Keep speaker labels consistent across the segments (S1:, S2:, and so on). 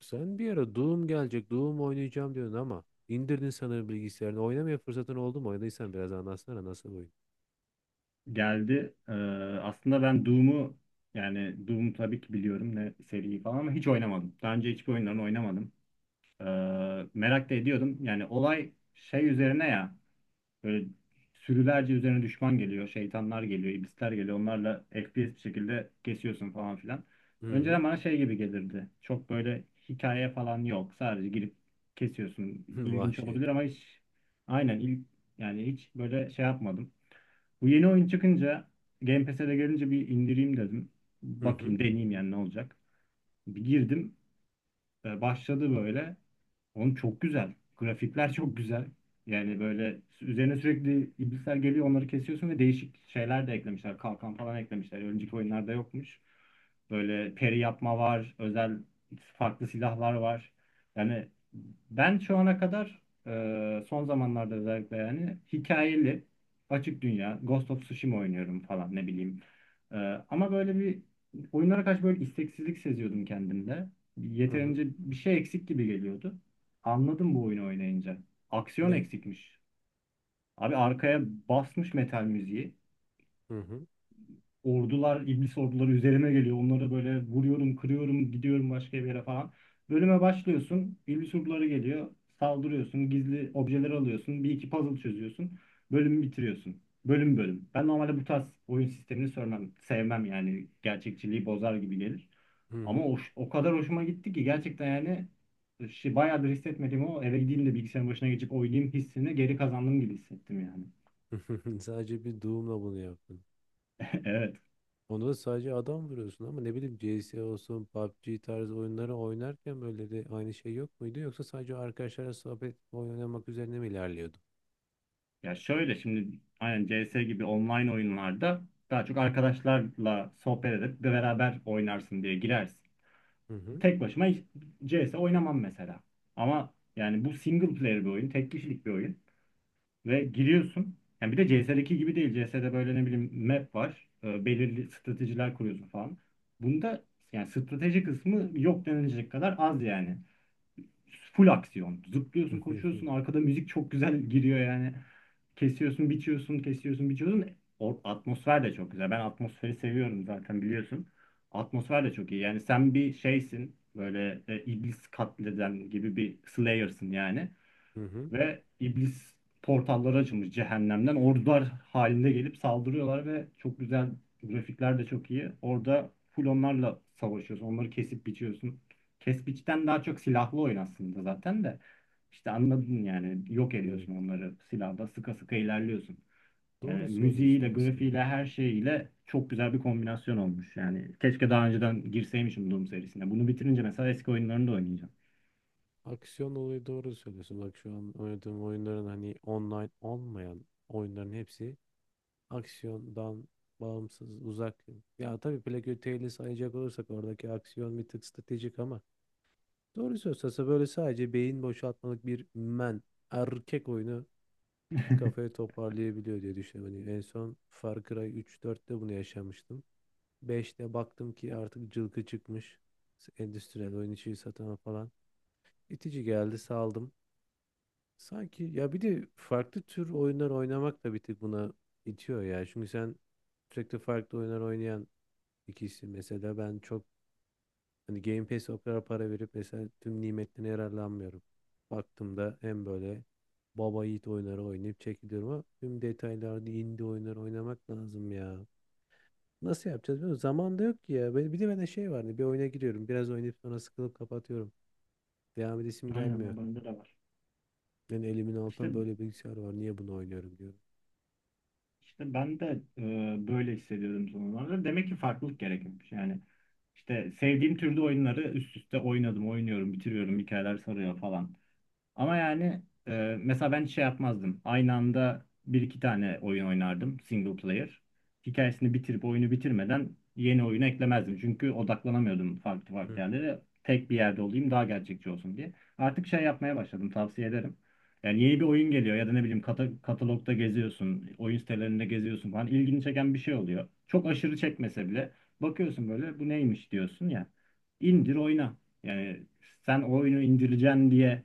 S1: Sen bir ara Doom gelecek, Doom oynayacağım diyordun ama indirdin sanırım bilgisayarını. Oynamaya fırsatın oldu mu? Oynadıysan biraz anlatsana nasıl oyun.
S2: Geldi. Aslında ben Doom'u yani Doom'u tabii ki biliyorum ne seriyi falan ama hiç oynamadım. Daha önce hiçbir oyunlarını oynamadım. Ee, Merak da ediyordum. Yani olay şey üzerine ya böyle sürülerce üzerine düşman geliyor, şeytanlar geliyor, iblisler geliyor. Onlarla FPS bir şekilde kesiyorsun falan filan.
S1: Hı hı.
S2: Önceden bana şey gibi gelirdi. Çok böyle hikaye falan yok. Sadece girip kesiyorsun. İlginç
S1: Vahşet.
S2: olabilir ama hiç aynen il, yani hiç böyle şey yapmadım. Bu yeni oyun çıkınca Game Pass'e de gelince bir indireyim dedim.
S1: Hı hı.
S2: Bakayım deneyeyim yani ne olacak. Bir girdim başladı böyle. Oğlum çok güzel. Grafikler çok güzel. Yani böyle üzerine sürekli iblisler geliyor onları kesiyorsun ve değişik şeyler de eklemişler. Kalkan falan eklemişler. Önceki oyunlarda yokmuş. Böyle peri yapma var. Özel farklı silahlar var. Yani ben şu ana kadar son zamanlarda özellikle yani hikayeli açık dünya Ghost of Tsushima oynuyorum falan ne bileyim. E, Ama böyle bir oyunlara karşı böyle isteksizlik seziyordum kendimde.
S1: Hı hı.
S2: Yeterince bir şey eksik gibi geliyordu. Anladım bu oyunu oynayınca. Aksiyon
S1: Ne?
S2: eksikmiş. Abi arkaya basmış metal müziği.
S1: Hı hı.
S2: Ordular, iblis orduları üzerime geliyor. Onları böyle vuruyorum, kırıyorum, gidiyorum başka bir yere falan. Bölüme başlıyorsun. İblis orduları geliyor. Saldırıyorsun. Gizli objeler alıyorsun. Bir iki puzzle çözüyorsun. Bölümü bitiriyorsun. Bölüm bölüm. Ben normalde bu tarz oyun sistemini sevmem. Sevmem yani. Gerçekçiliği bozar gibi gelir.
S1: Hı
S2: Ama
S1: hı.
S2: o kadar hoşuma gitti ki gerçekten yani şey, bayağıdır hissetmediğim o eve gideyim de bilgisayarın başına geçip oynayayım hissini geri kazandım gibi hissettim yani.
S1: Sadece bir Doom'la bunu yaptın.
S2: Evet.
S1: Onu da sadece adam vuruyorsun ama ne bileyim CS olsun, PUBG tarzı oyunları oynarken böyle de aynı şey yok muydu? Yoksa sadece arkadaşlarla sohbet oyun oynamak üzerine mi ilerliyordu?
S2: Ya şöyle şimdi aynen CS gibi online oyunlarda daha çok arkadaşlarla sohbet edip de beraber oynarsın diye girersin.
S1: Hı hı.
S2: Tek başıma hiç CS oynamam mesela. Ama yani bu single player bir oyun, tek kişilik bir oyun. Ve giriyorsun. Yani bir de CS'deki gibi değil. CS'de böyle ne bileyim map var. Belirli stratejiler kuruyorsun falan. Bunda yani strateji kısmı yok denilecek kadar az yani. Full aksiyon. Zıplıyorsun,
S1: Hı hı.
S2: koşuyorsun. Arkada müzik çok güzel giriyor yani. Kesiyorsun, biçiyorsun, kesiyorsun, biçiyorsun. Atmosfer de çok güzel. Ben atmosferi seviyorum zaten biliyorsun. Atmosfer de çok iyi. Yani sen bir şeysin. Böyle iblis katleden gibi bir slayer'sın yani
S1: Hı hı.
S2: ve iblis portalları açılmış cehennemden. Ordular halinde gelip saldırıyorlar ve çok güzel grafikler de çok iyi. Orada full onlarla savaşıyorsun. Onları kesip biçiyorsun. Kes biçten daha çok silahlı oyun aslında zaten de. İşte anladın yani yok
S1: Evet.
S2: ediyorsun onları silahla sıka sıka ilerliyorsun. Yani
S1: Doğru söylüyorsun
S2: müziğiyle, grafiğiyle,
S1: aslında.
S2: her şeyiyle çok güzel bir kombinasyon olmuş. Yani keşke daha önceden girseymişim Doom serisine. Bunu bitirince mesela eski oyunlarını da oynayacağım.
S1: Aksiyon olayı doğru söylüyorsun. Bak şu an oynadığım oyunların hani online olmayan oyunların hepsi aksiyondan bağımsız, uzak. Ya tabii Black Tail'i sayacak olursak oradaki aksiyon bir tık stratejik ama doğru söylüyorsa böyle sadece beyin boşaltmalık bir erkek oyunu kafayı toparlayabiliyor diye düşünüyorum. Hani en son Far Cry 3-4'te bunu yaşamıştım. 5'te baktım ki artık cılkı çıkmış. Endüstriyel oyun içi satana falan. İtici geldi saldım. Sanki ya bir de farklı tür oyunlar oynamak da bir tık buna itiyor ya. Çünkü sen sürekli farklı oyunlar oynayan ikisi mesela ben çok hani Game Pass'e o kadar para verip mesela tüm nimetlerine yararlanmıyorum. Baktığımda hem böyle baba yiğit oyunları oynayıp çekiliyorum ama tüm detaylarda indie oyunları oynamak lazım ya. Nasıl yapacağız bilmiyorum. Zaman da yok ki ya. Bir de bende şey var, hani bir oyuna giriyorum. Biraz oynayıp sonra sıkılıp kapatıyorum. Devam edesim
S2: Aynen
S1: gelmiyor.
S2: o bende de var.
S1: Yani elimin
S2: İşte
S1: altında böyle bilgisayar var. Niye bunu oynuyorum diyorum.
S2: İşte ben de böyle hissediyordum son zamanlarda. Demek ki farklılık gerekmiş. Yani işte sevdiğim türde oyunları üst üste oynadım, oynuyorum, bitiriyorum, hikayeler sarıyor falan. Ama yani mesela ben hiç şey yapmazdım. Aynı anda bir iki tane oyun oynardım single player. Hikayesini bitirip oyunu bitirmeden yeni oyunu eklemezdim. Çünkü odaklanamıyordum farklı
S1: Hı
S2: farklı
S1: hı.
S2: yerlere. Tek bir yerde olayım daha gerçekçi olsun diye. Artık şey yapmaya başladım tavsiye ederim. Yani yeni bir oyun geliyor ya da ne bileyim katalogda geziyorsun, oyun sitelerinde geziyorsun falan ilgini çeken bir şey oluyor. Çok aşırı çekmese bile bakıyorsun böyle bu neymiş diyorsun ya. İndir oyna. Yani sen o oyunu indireceksin diye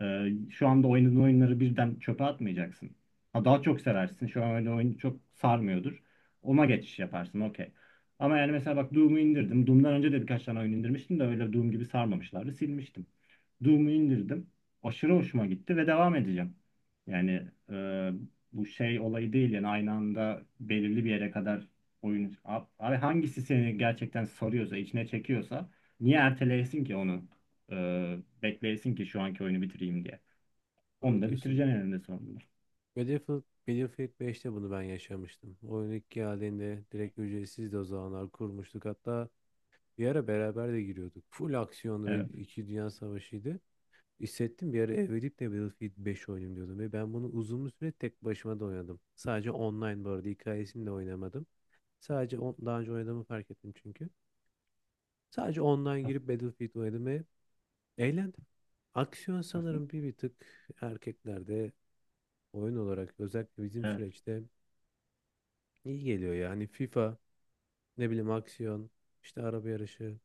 S2: şu anda oynadığın oyunları birden çöpe atmayacaksın. Ha, daha çok seversin. Şu an öyle oyun çok sarmıyordur. Ona geçiş yaparsın. Okey. Ama yani mesela bak Doom'u indirdim. Doom'dan önce de birkaç tane oyun indirmiştim de öyle Doom gibi sarmamışlardı. Silmiştim. Doom'u indirdim. Aşırı hoşuma gitti ve devam edeceğim. Yani e, bu şey olayı değil yani aynı anda belirli bir yere kadar oyun... Abi hangisi seni gerçekten sarıyorsa, içine çekiyorsa niye erteleyesin ki onu? Bekleyesin ki şu anki oyunu bitireyim diye.
S1: Doğru
S2: Onu da
S1: diyorsun.
S2: bitireceksin eninde sonunda.
S1: Battlefield, Battlefield beşte bunu ben yaşamıştım. Oyun ilk geldiğinde direkt ücretsizdi, o zamanlar kurmuştuk. Hatta bir ara beraber de giriyorduk. Full aksiyonlu ve
S2: Evet.
S1: 2 Dünya Savaşı'ydı. Hissettim bir ara ev edip de Battlefield 5 oynayayım diyordum. Ve ben bunu uzun bir süre tek başıma da oynadım. Sadece online, bu arada hikayesini de oynamadım. Sadece daha önce oynadığımı fark ettim çünkü. Sadece online
S2: As-
S1: girip Battlefield oynadım ve eğlendim. Aksiyon
S2: aslında.
S1: sanırım bir tık erkeklerde oyun olarak özellikle bizim
S2: Evet.
S1: süreçte. İyi geliyor ya. Hani FIFA, ne bileyim aksiyon, işte araba yarışı.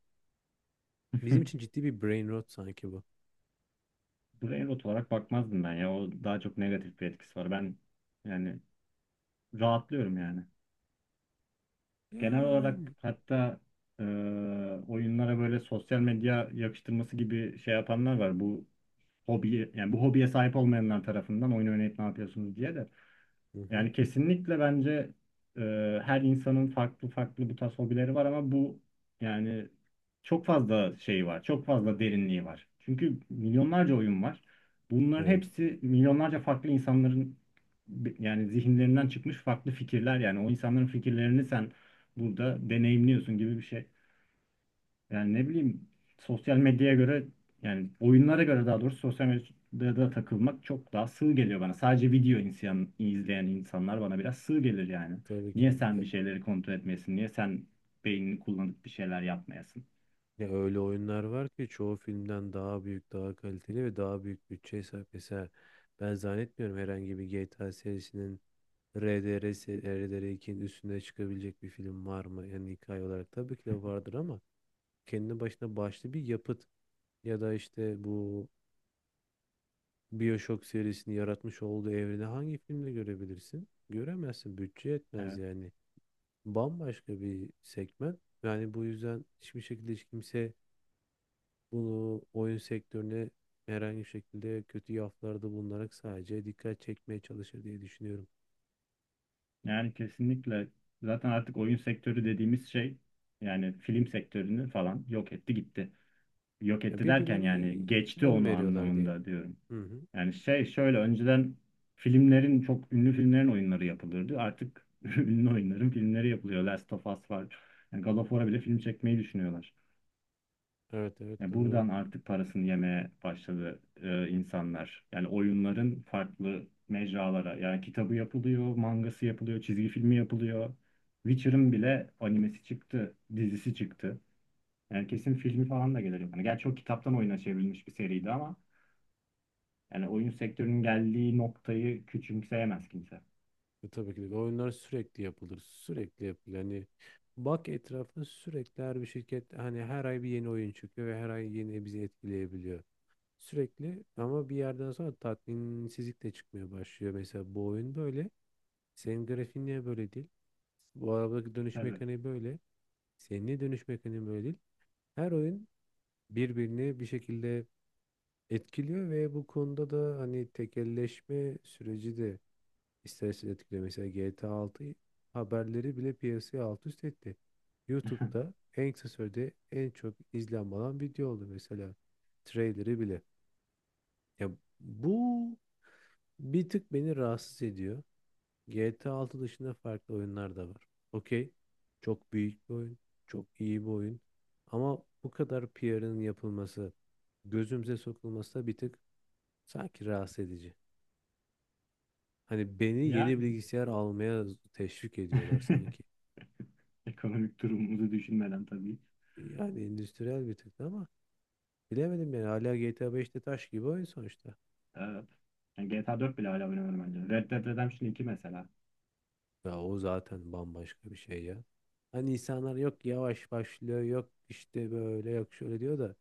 S1: Bizim için ciddi bir brain rot sanki bu.
S2: Buraya rot olarak bakmazdım ben ya. O daha çok negatif bir etkisi var. Ben yani rahatlıyorum yani. Genel
S1: Yani.
S2: olarak hatta e, oyunlara böyle sosyal medya yakıştırması gibi şey yapanlar var. Bu hobi yani bu hobiye sahip olmayanlar tarafından oyun oynayıp ne yapıyorsunuz diye de.
S1: Hı hı.
S2: Yani kesinlikle bence e, her insanın farklı farklı bu tarz hobileri var ama bu yani çok fazla şey var, çok fazla derinliği var. Çünkü milyonlarca oyun var. Bunların
S1: Evet.
S2: hepsi milyonlarca farklı insanların yani zihinlerinden çıkmış farklı fikirler yani o insanların fikirlerini sen burada deneyimliyorsun gibi bir şey. Yani ne bileyim sosyal medyaya göre yani oyunlara göre daha doğrusu sosyal medyada takılmak çok daha sığ geliyor bana. Sadece video insan, izleyen insanlar bana biraz sığ gelir yani.
S1: Tabii ki
S2: Niye
S1: de.
S2: sen
S1: Ya,
S2: bir şeyleri kontrol etmeyesin? Niye sen beynini kullanıp bir şeyler yapmayasın?
S1: ya öyle oyunlar var ki çoğu filmden daha büyük, daha kaliteli ve daha büyük bütçeye sahip. Mesela ben zannetmiyorum, herhangi bir GTA serisinin, RDR, RDR2'nin üstüne çıkabilecek bir film var mı? Yani hikaye olarak tabii ki de vardır ama kendi başına başlı bir yapıt ya da işte bu BioShock serisini yaratmış olduğu evreni hangi filmde görebilirsin? Göremezsin. Bütçe yetmez
S2: Evet.
S1: yani. Bambaşka bir segment. Yani bu yüzden hiçbir şekilde hiç kimse bunu oyun sektörüne herhangi bir şekilde kötü yaflarda bulunarak sadece dikkat çekmeye çalışır diye düşünüyorum.
S2: Yani kesinlikle zaten artık oyun sektörü dediğimiz şey yani film sektörünü falan yok etti gitti. Yok
S1: Ya
S2: etti derken
S1: birbirlerine
S2: yani geçti
S1: yön
S2: onu
S1: veriyorlar diyelim.
S2: anlamında diyorum.
S1: Hı hı.
S2: Yani şey şöyle önceden filmlerin çok ünlü filmlerin oyunları yapılırdı. Artık ünlü oyunların filmleri yapılıyor. Last of Us var. Yani God of War'a bile film çekmeyi düşünüyorlar.
S1: Evet, evet,
S2: Yani
S1: doğru.
S2: buradan artık parasını yemeye başladı insanlar. Yani oyunların farklı mecralara. Yani kitabı yapılıyor, mangası yapılıyor, çizgi filmi yapılıyor. Witcher'ın bile animesi çıktı, dizisi çıktı. Yani kesin filmi falan da gelir. Yani gerçi o kitaptan oyuna çevrilmiş bir seriydi ama yani oyun sektörünün geldiği noktayı küçümseyemez kimse.
S1: Tabii ki de. Oyunlar sürekli yapılır. Sürekli yapılır. Yani bak etrafına, sürekli her bir şirket, hani her ay bir yeni oyun çıkıyor ve her ay yeni bizi etkileyebiliyor. Sürekli ama bir yerden sonra tatminsizlik de çıkmaya başlıyor. Mesela bu oyun böyle. Senin grafiğin niye böyle değil? Bu arabadaki dönüş
S2: Tabii.
S1: mekaniği böyle. Senin niye dönüş mekaniği böyle değil? Her oyun birbirini bir şekilde etkiliyor ve bu konuda da hani tekelleşme süreci de İstersen etkile, mesela GTA 6 haberleri bile piyasaya alt üst etti. YouTube'da en kısa sürede en çok izlenme alan video oldu mesela. Trailer'ı bile. Ya bu bir tık beni rahatsız ediyor. GTA 6 dışında farklı oyunlar da var. Okey. Çok büyük bir oyun. Çok iyi bir oyun. Ama bu kadar PR'ın yapılması, gözümüze sokulması da bir tık sanki rahatsız edici. Hani beni yeni
S2: Yani
S1: bilgisayar almaya teşvik ediyorlar sanki.
S2: ekonomik durumumuzu düşünmeden tabii.
S1: Yani endüstriyel bir tık da ama bilemedim yani, hala GTA 5'te taş gibi oyun sonuçta.
S2: Evet. Yani GTA 4 bile hala oynanır bence. Red Dead Redemption iki mesela.
S1: Ya o zaten bambaşka bir şey ya. Hani insanlar yok yavaş başlıyor, yok işte böyle, yok şöyle diyor da,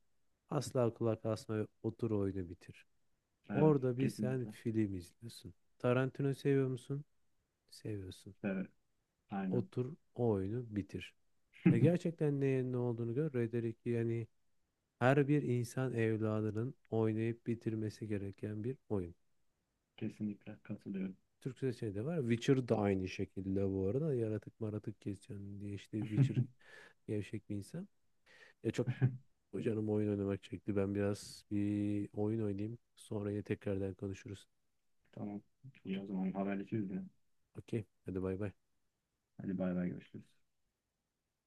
S1: asla kulak asma otur oyunu bitir.
S2: Evet,
S1: Orada bir sen
S2: kesinlikle.
S1: film izliyorsun. Tarantino seviyor musun? Seviyorsun.
S2: Evet, aynen.
S1: Otur o oyunu bitir. Ya gerçekten neyin ne olduğunu gör. Red Dead 2 yani her bir insan evladının oynayıp bitirmesi gereken bir oyun.
S2: Kesinlikle katılıyorum.
S1: Türkçe şey de var. Witcher da aynı şekilde bu arada. Yaratık maratık kesiyorsun diye işte Witcher gevşek bir insan. Ya çok canım oyun oynamak çekti. Ben biraz bir oyun oynayayım. Sonra yine tekrardan konuşuruz.
S2: Tamam. İyi o zaman haberleşiriz yine.
S1: Okey. Hadi bay bay.
S2: Hadi bay bay görüşürüz.